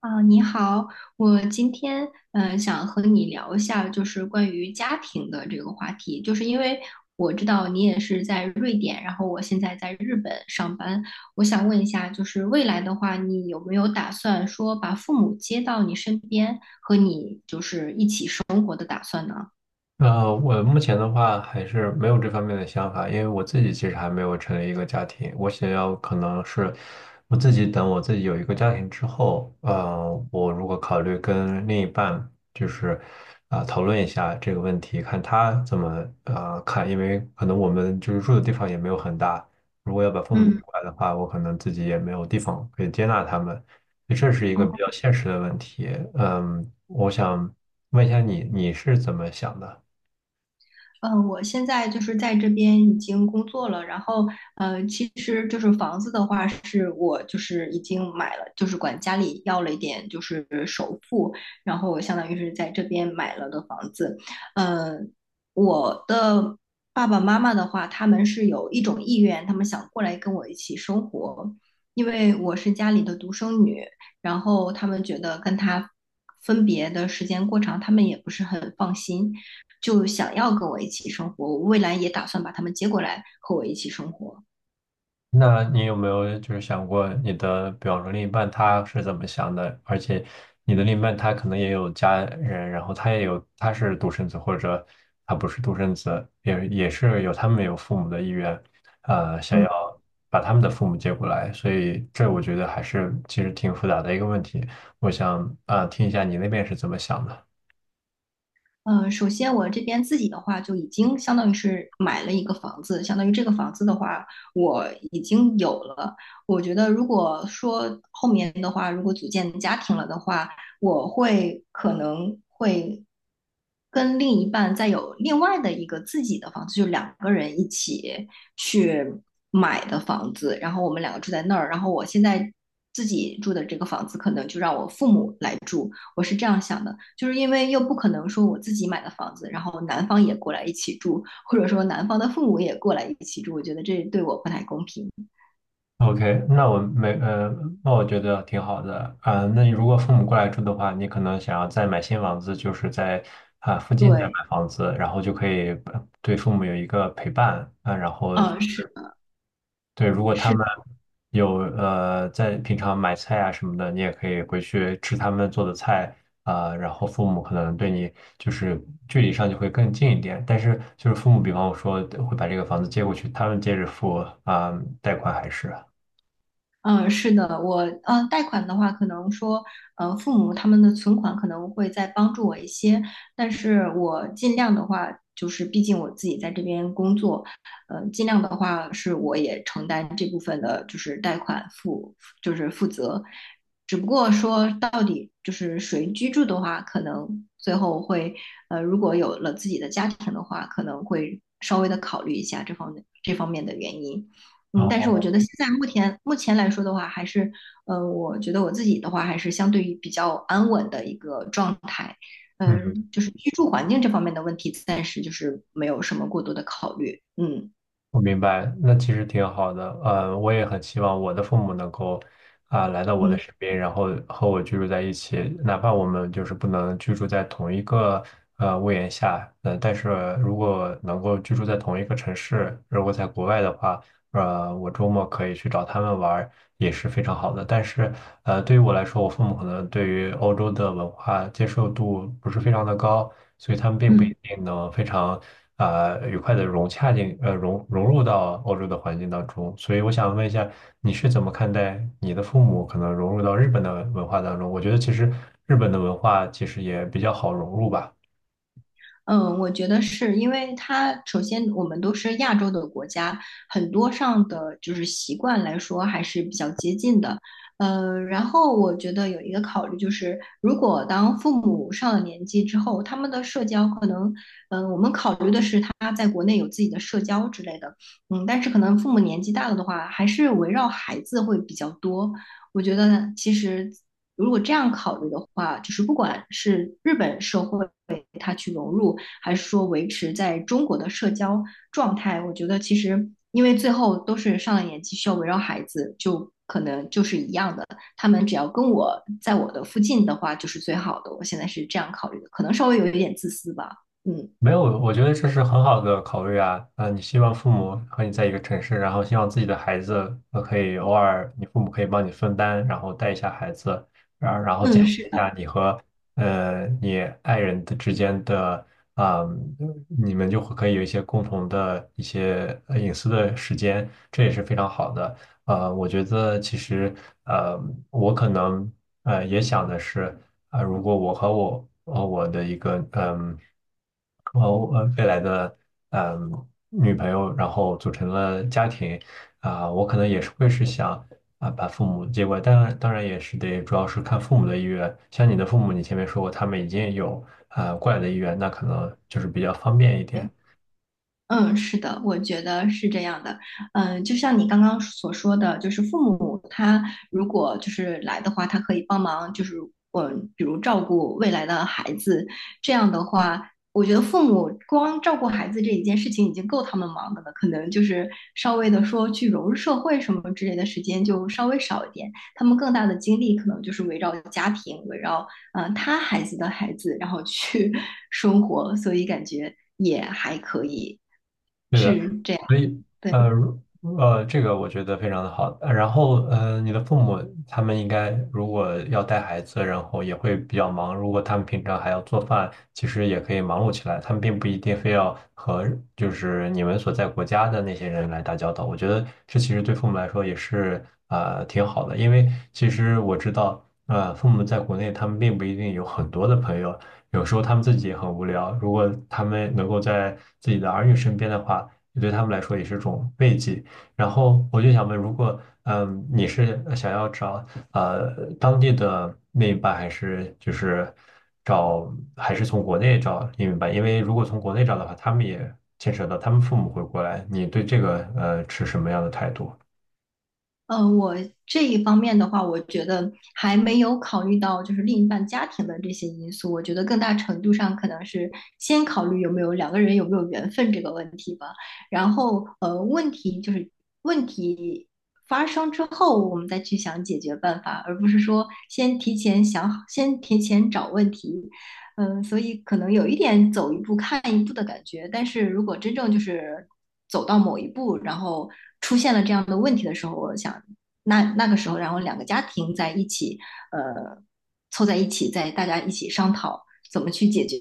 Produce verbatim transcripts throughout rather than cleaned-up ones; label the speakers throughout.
Speaker 1: 啊，你好，我今天嗯、呃想和你聊一下，就是关于家庭的这个话题，就是因为我知道你也是在瑞典，然后我现在在日本上班，我想问一下，就是未来的话，你有没有打算说把父母接到你身边，和你就是一起生活的打算呢？
Speaker 2: 呃，我目前的话还是没有这方面的想法，因为我自己其实还没有成立一个家庭，我想要可能是我自己等我自己有一个家庭之后，呃，我如果考虑跟另一半就是啊、讨论一下这个问题，看他怎么呃看，因为可能我们就是住的地方也没有很大，如果要把父母接
Speaker 1: 嗯，
Speaker 2: 过来的话，我可能自己也没有地方可以接纳他们。这是一个
Speaker 1: 哦
Speaker 2: 比较现实的问题。嗯，我想问一下你，你是怎么想的？
Speaker 1: 嗯，呃我现在就是在这边已经工作了，然后呃，其实就是房子的话，是我就是已经买了，就是管家里要了一点就是首付，然后我相当于是在这边买了的房子。呃，我的爸爸妈妈的话，他们是有一种意愿，他们想过来跟我一起生活，因为我是家里的独生女，然后他们觉得跟他分别的时间过长，他们也不是很放心。就想要跟我一起生活，我未来也打算把他们接过来和我一起生活。
Speaker 2: 那你有没有就是想过你的，比方说另一半他是怎么想的？而且你的另一半他可能也有家人，然后他也有他是独生子，或者他不是独生子，也也是有他们有父母的意愿，呃，想要
Speaker 1: 嗯，
Speaker 2: 把他们的父母接过来，所以这我觉得还是其实挺复杂的一个问题。我想啊，呃听一下你那边是怎么想的。
Speaker 1: 呃，首先我这边自己的话，就已经相当于是买了一个房子，相当于这个房子的话，我已经有了。我觉得如果说后面的话，如果组建家庭了的话，我会可能会跟另一半再有另外的一个自己的房子，就两个人一起去买的房子，然后我们两个住在那儿，然后我现在自己住的这个房子，可能就让我父母来住。我是这样想的，就是因为又不可能说我自己买的房子，然后男方也过来一起住，或者说男方的父母也过来一起住，我觉得这对我不太公平。
Speaker 2: OK，那我没，呃，那我觉得挺好的啊、那你如果父母过来住的话，你可能想要再买新房子，就是在啊、附近再买
Speaker 1: 对，
Speaker 2: 房子，然后就可以呃对父母有一个陪伴啊、然后就
Speaker 1: 嗯，是
Speaker 2: 是
Speaker 1: 的
Speaker 2: 对，如果他
Speaker 1: 是。
Speaker 2: 们有呃在平常买菜啊什么的，你也可以回去吃他们做的菜啊、然后父母可能对你就是距离上就会更近一点，但是就是父母，比方说会把这个房子接过去，他们接着付啊、贷款还是。
Speaker 1: 嗯，是的，我呃，贷款的话，可能说，呃，父母他们的存款可能会再帮助我一些，但是我尽量的话，就是毕竟我自己在这边工作，呃，尽量的话是我也承担这部分的，就是贷款负，就是负责，只不过说到底就是谁居住的话，可能最后会，呃，如果有了自己的家庭的话，可能会稍微的考虑一下这方面这方面的原因。
Speaker 2: 然
Speaker 1: 嗯，但是我
Speaker 2: 后。
Speaker 1: 觉得现在目前目前来说的话，还是，呃，我觉得我自己的话，还是相对于比较安稳的一个状态，
Speaker 2: 嗯，
Speaker 1: 嗯、就是居住环境这方面的问题，暂时就是没有什么过多的考虑，嗯
Speaker 2: 我明白，那其实挺好的。呃，我也很希望我的父母能够啊、来到我的
Speaker 1: 嗯
Speaker 2: 身边，然后和我居住在一起，哪怕我们就是不能居住在同一个呃屋檐下，呃，但是如果能够居住在同一个城市，如果在国外的话，呃，我周末可以去找他们玩儿，也是非常好的。但是呃，对于我来说，我父母可能对于欧洲的文化接受度不是非常的高，所以他们并不一
Speaker 1: 嗯。
Speaker 2: 定能非常呃愉快的融洽进呃融融入到欧洲的环境当中。所以我想问一下，你是怎么看待你的父母可能融入到日本的文化当中？我觉得其实日本的文化其实也比较好融入吧。
Speaker 1: 嗯，我觉得是因为它首先我们都是亚洲的国家，很多上的就是习惯来说还是比较接近的。呃，然后我觉得有一个考虑就是，如果当父母上了年纪之后，他们的社交可能，嗯、我们考虑的是他在国内有自己的社交之类的，嗯，但是可能父母年纪大了的话，还是围绕孩子会比较多。我觉得其实如果这样考虑的话，就是不管是日本社会他去融入。还是说维持在中国的社交状态，我觉得其实因为最后都是上了年纪，需要围绕孩子，就可能就是一样的。他们只要跟我在我的附近的话，就是最好的。我现在是这样考虑的，可能稍微有一点自私吧。嗯
Speaker 2: 没有，我觉得这是很好的考虑啊。呃，你希望父母和你在一个城市，然后希望自己的孩子呃可以偶尔，你父母可以帮你分担，然后带一下孩子，然然后减
Speaker 1: 嗯，是
Speaker 2: 轻一
Speaker 1: 的，
Speaker 2: 下你和呃你爱人的之间的啊、你们就会可以有一些共同的一些呃隐私的时间，这也是非常好的。呃，我觉得其实呃，我可能呃也想的是。啊、如果我和我呃我的一个嗯和呃未来的嗯女朋友，然后组成了家庭啊、我可能也是会是想啊、把父母接过来，当然当然也是得主要是看父母的意愿。像你的父母，你前面说过他们已经有啊、过来的意愿，那可能就是比较方便一点。
Speaker 1: 嗯，是的，我觉得是这样的。嗯，就像你刚刚所说的，就是父母他如果就是来的话，他可以帮忙，就是嗯，比如照顾未来的孩子。这样的话，我觉得父母光照顾孩子这一件事情已经够他们忙的了，可能就是稍微的说去融入社会什么之类的时间就稍微少一点。他们更大的精力可能就是围绕家庭，围绕嗯、呃他孩子的孩子，然后去 生活，所以感觉也还可以。
Speaker 2: 对的。
Speaker 1: 是这样，
Speaker 2: 所以，
Speaker 1: 对，
Speaker 2: 呃，如呃，这个我觉得非常的好。呃然后，呃，你的父母他们应该如果要带孩子，然后也会比较忙。如果他们平常还要做饭，其实也可以忙碌起来。他们并不一定非要和就是你们所在国家的那些人来打交道。我觉得这其实对父母来说也是呃挺好的，因为其实我知道，呃，父母在国内他们并不一定有很多的朋友，有时候他们自己也很无聊。如果他们能够在自己的儿女身边的话，也对他们来说也是种慰藉。然后我就想问，如果嗯你是呃想要找呃当地的另一半，还是就是找还是从国内找另一半？因为如果从国内找的话，他们也牵扯到他们父母会过来。你对这个呃持什么样的态度？
Speaker 1: 呃，我这一方面的话，我觉得还没有考虑到就是另一半家庭的这些因素，我觉得更大程度上可能是先考虑有没有两个人有没有缘分这个问题吧，然后呃，问题就是问题发生之后，我们再去想解决办法，而不是说先提前想好，先提前找问题，嗯，所以可能有一点走一步看一步的感觉，但是如果真正就是走到某一步，然后出现了这样的问题的时候，我想那那个时候，然后两个家庭在一起，呃，凑在一起，在大家一起商讨怎么去解决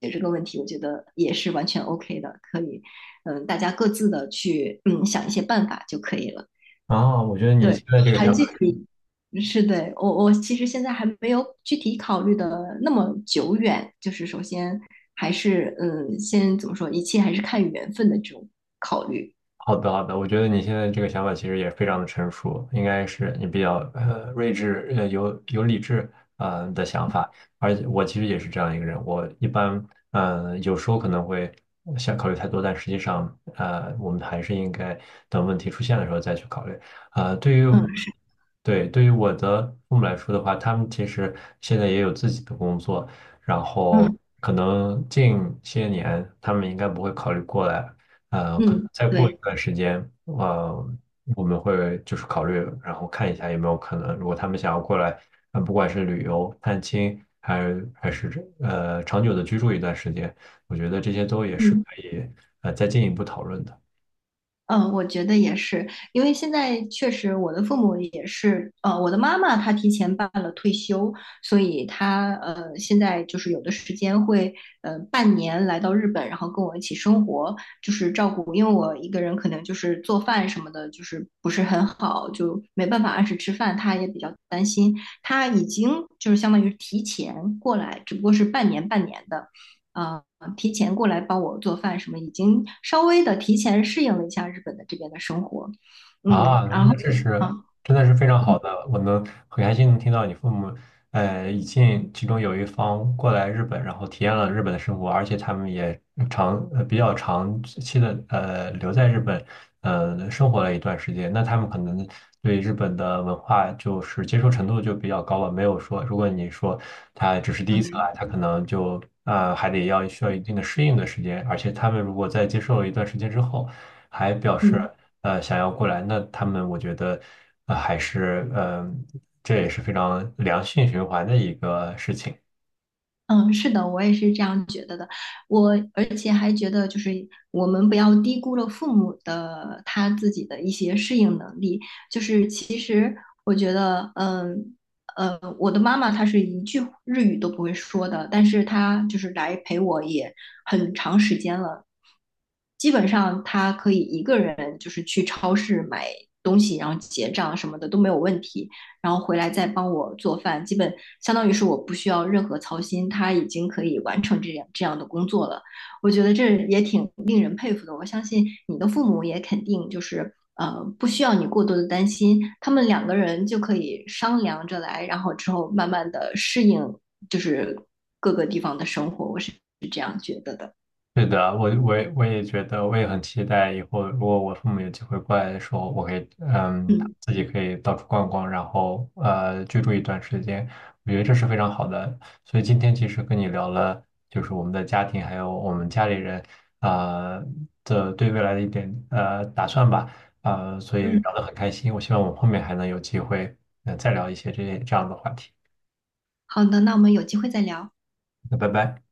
Speaker 1: 解决这个问题，我觉得也是完全 OK 的，可以，嗯，大家各自的去嗯想一些办法就可以了。
Speaker 2: 啊，我觉得你
Speaker 1: 对，
Speaker 2: 现在这个
Speaker 1: 还
Speaker 2: 想法。
Speaker 1: 具是体嗯是对我我其实现在还没有具体考虑的那么久远，就是首先还是嗯，先怎么说，一切还是看缘分的这种考虑。
Speaker 2: 好的，好的，我觉得你现在这个想法其实也非常的成熟，应该是你比较呃睿智，呃有有理智呃的想法。而且我其实也是这样一个人，我一般嗯、呃有时候可能会想考虑太多，但实际上呃我们还是应该等问题出现的时候再去考虑。呃，对于我
Speaker 1: 嗯是
Speaker 2: 对，对于我的父母来说的话，他们其实现在也有自己的工作，然后
Speaker 1: 嗯
Speaker 2: 可能近些年他们应该不会考虑过来，呃，可能
Speaker 1: 嗯，
Speaker 2: 再过一
Speaker 1: 对，
Speaker 2: 段时间，呃，我们会就是考虑，然后看一下有没有可能，如果他们想要过来，呃，不管是旅游、探亲，还是还是呃长久的居住一段时间，我觉得这些都也是可
Speaker 1: 嗯。
Speaker 2: 以呃再进一步讨论的。
Speaker 1: 嗯，我觉得也是，因为现在确实我的父母也是，呃，我的妈妈她提前办了退休，所以她呃现在就是有的时间会呃半年来到日本，然后跟我一起生活，就是照顾，因为我一个人可能就是做饭什么的，就是不是很好，就没办法按时吃饭，她也比较担心，她已经就是相当于提前过来，只不过是半年半年的。啊呃提前过来帮我做饭什么，已经稍微的提前适应了一下日本的这边的生活。
Speaker 2: 啊，
Speaker 1: 嗯，然
Speaker 2: 那
Speaker 1: 后
Speaker 2: 这是
Speaker 1: 啊，
Speaker 2: 真的是非常好的，我能很开心能听到你父母，呃，已经其中有一方过来日本，然后体验了日本的生活，而且他们也长呃比较长期的呃留在日本，呃生活了一段时间，那他们可能对日本的文化就是接受程度就比较高了，没有说如果你说他只是第一次
Speaker 1: 对，
Speaker 2: 来，他可能就呃还得要需要一定的适应的时间，而且他们如果在接受了一段时间之后。还表示
Speaker 1: 嗯。
Speaker 2: 呃想要过来，那他们我觉得呃还是嗯、呃这也是非常良性循环的一个事情。
Speaker 1: 嗯，是的，我也是这样觉得的。我而且还觉得，就是我们不要低估了父母的他自己的一些适应能力。就是其实我觉得，嗯呃，我的妈妈她是一句日语都不会说的，但是她就是来陪我也很长时间了。基本上她可以一个人就是去超市买东西，然后结账什么的都没有问题。然后回来再帮我做饭，基本相当于是我不需要任何操心，他已经可以完成这样这样的工作了。我觉得这也挺令人佩服的。我相信你的父母也肯定就是呃不需要你过多的担心，他们两个人就可以商量着来，然后之后慢慢的适应就是各个地方的生活。我是是这样觉得的。
Speaker 2: 是的，我我也我也觉得，我也很期待以后，如果我父母有机会过来的时候，我可以，嗯，
Speaker 1: 嗯
Speaker 2: 自己可以到处逛逛，然后呃居住一段时间，我觉得这是非常好的。所以今天其实跟你聊了，就是我们的家庭，还有我们家里人啊、呃的对未来的一点呃打算吧，呃，所以
Speaker 1: 嗯，
Speaker 2: 聊得很开心。我希望我们后面还能有机会，呃，再聊一些这些这样的话题。
Speaker 1: 好的，那我们有机会再聊。
Speaker 2: 那拜拜。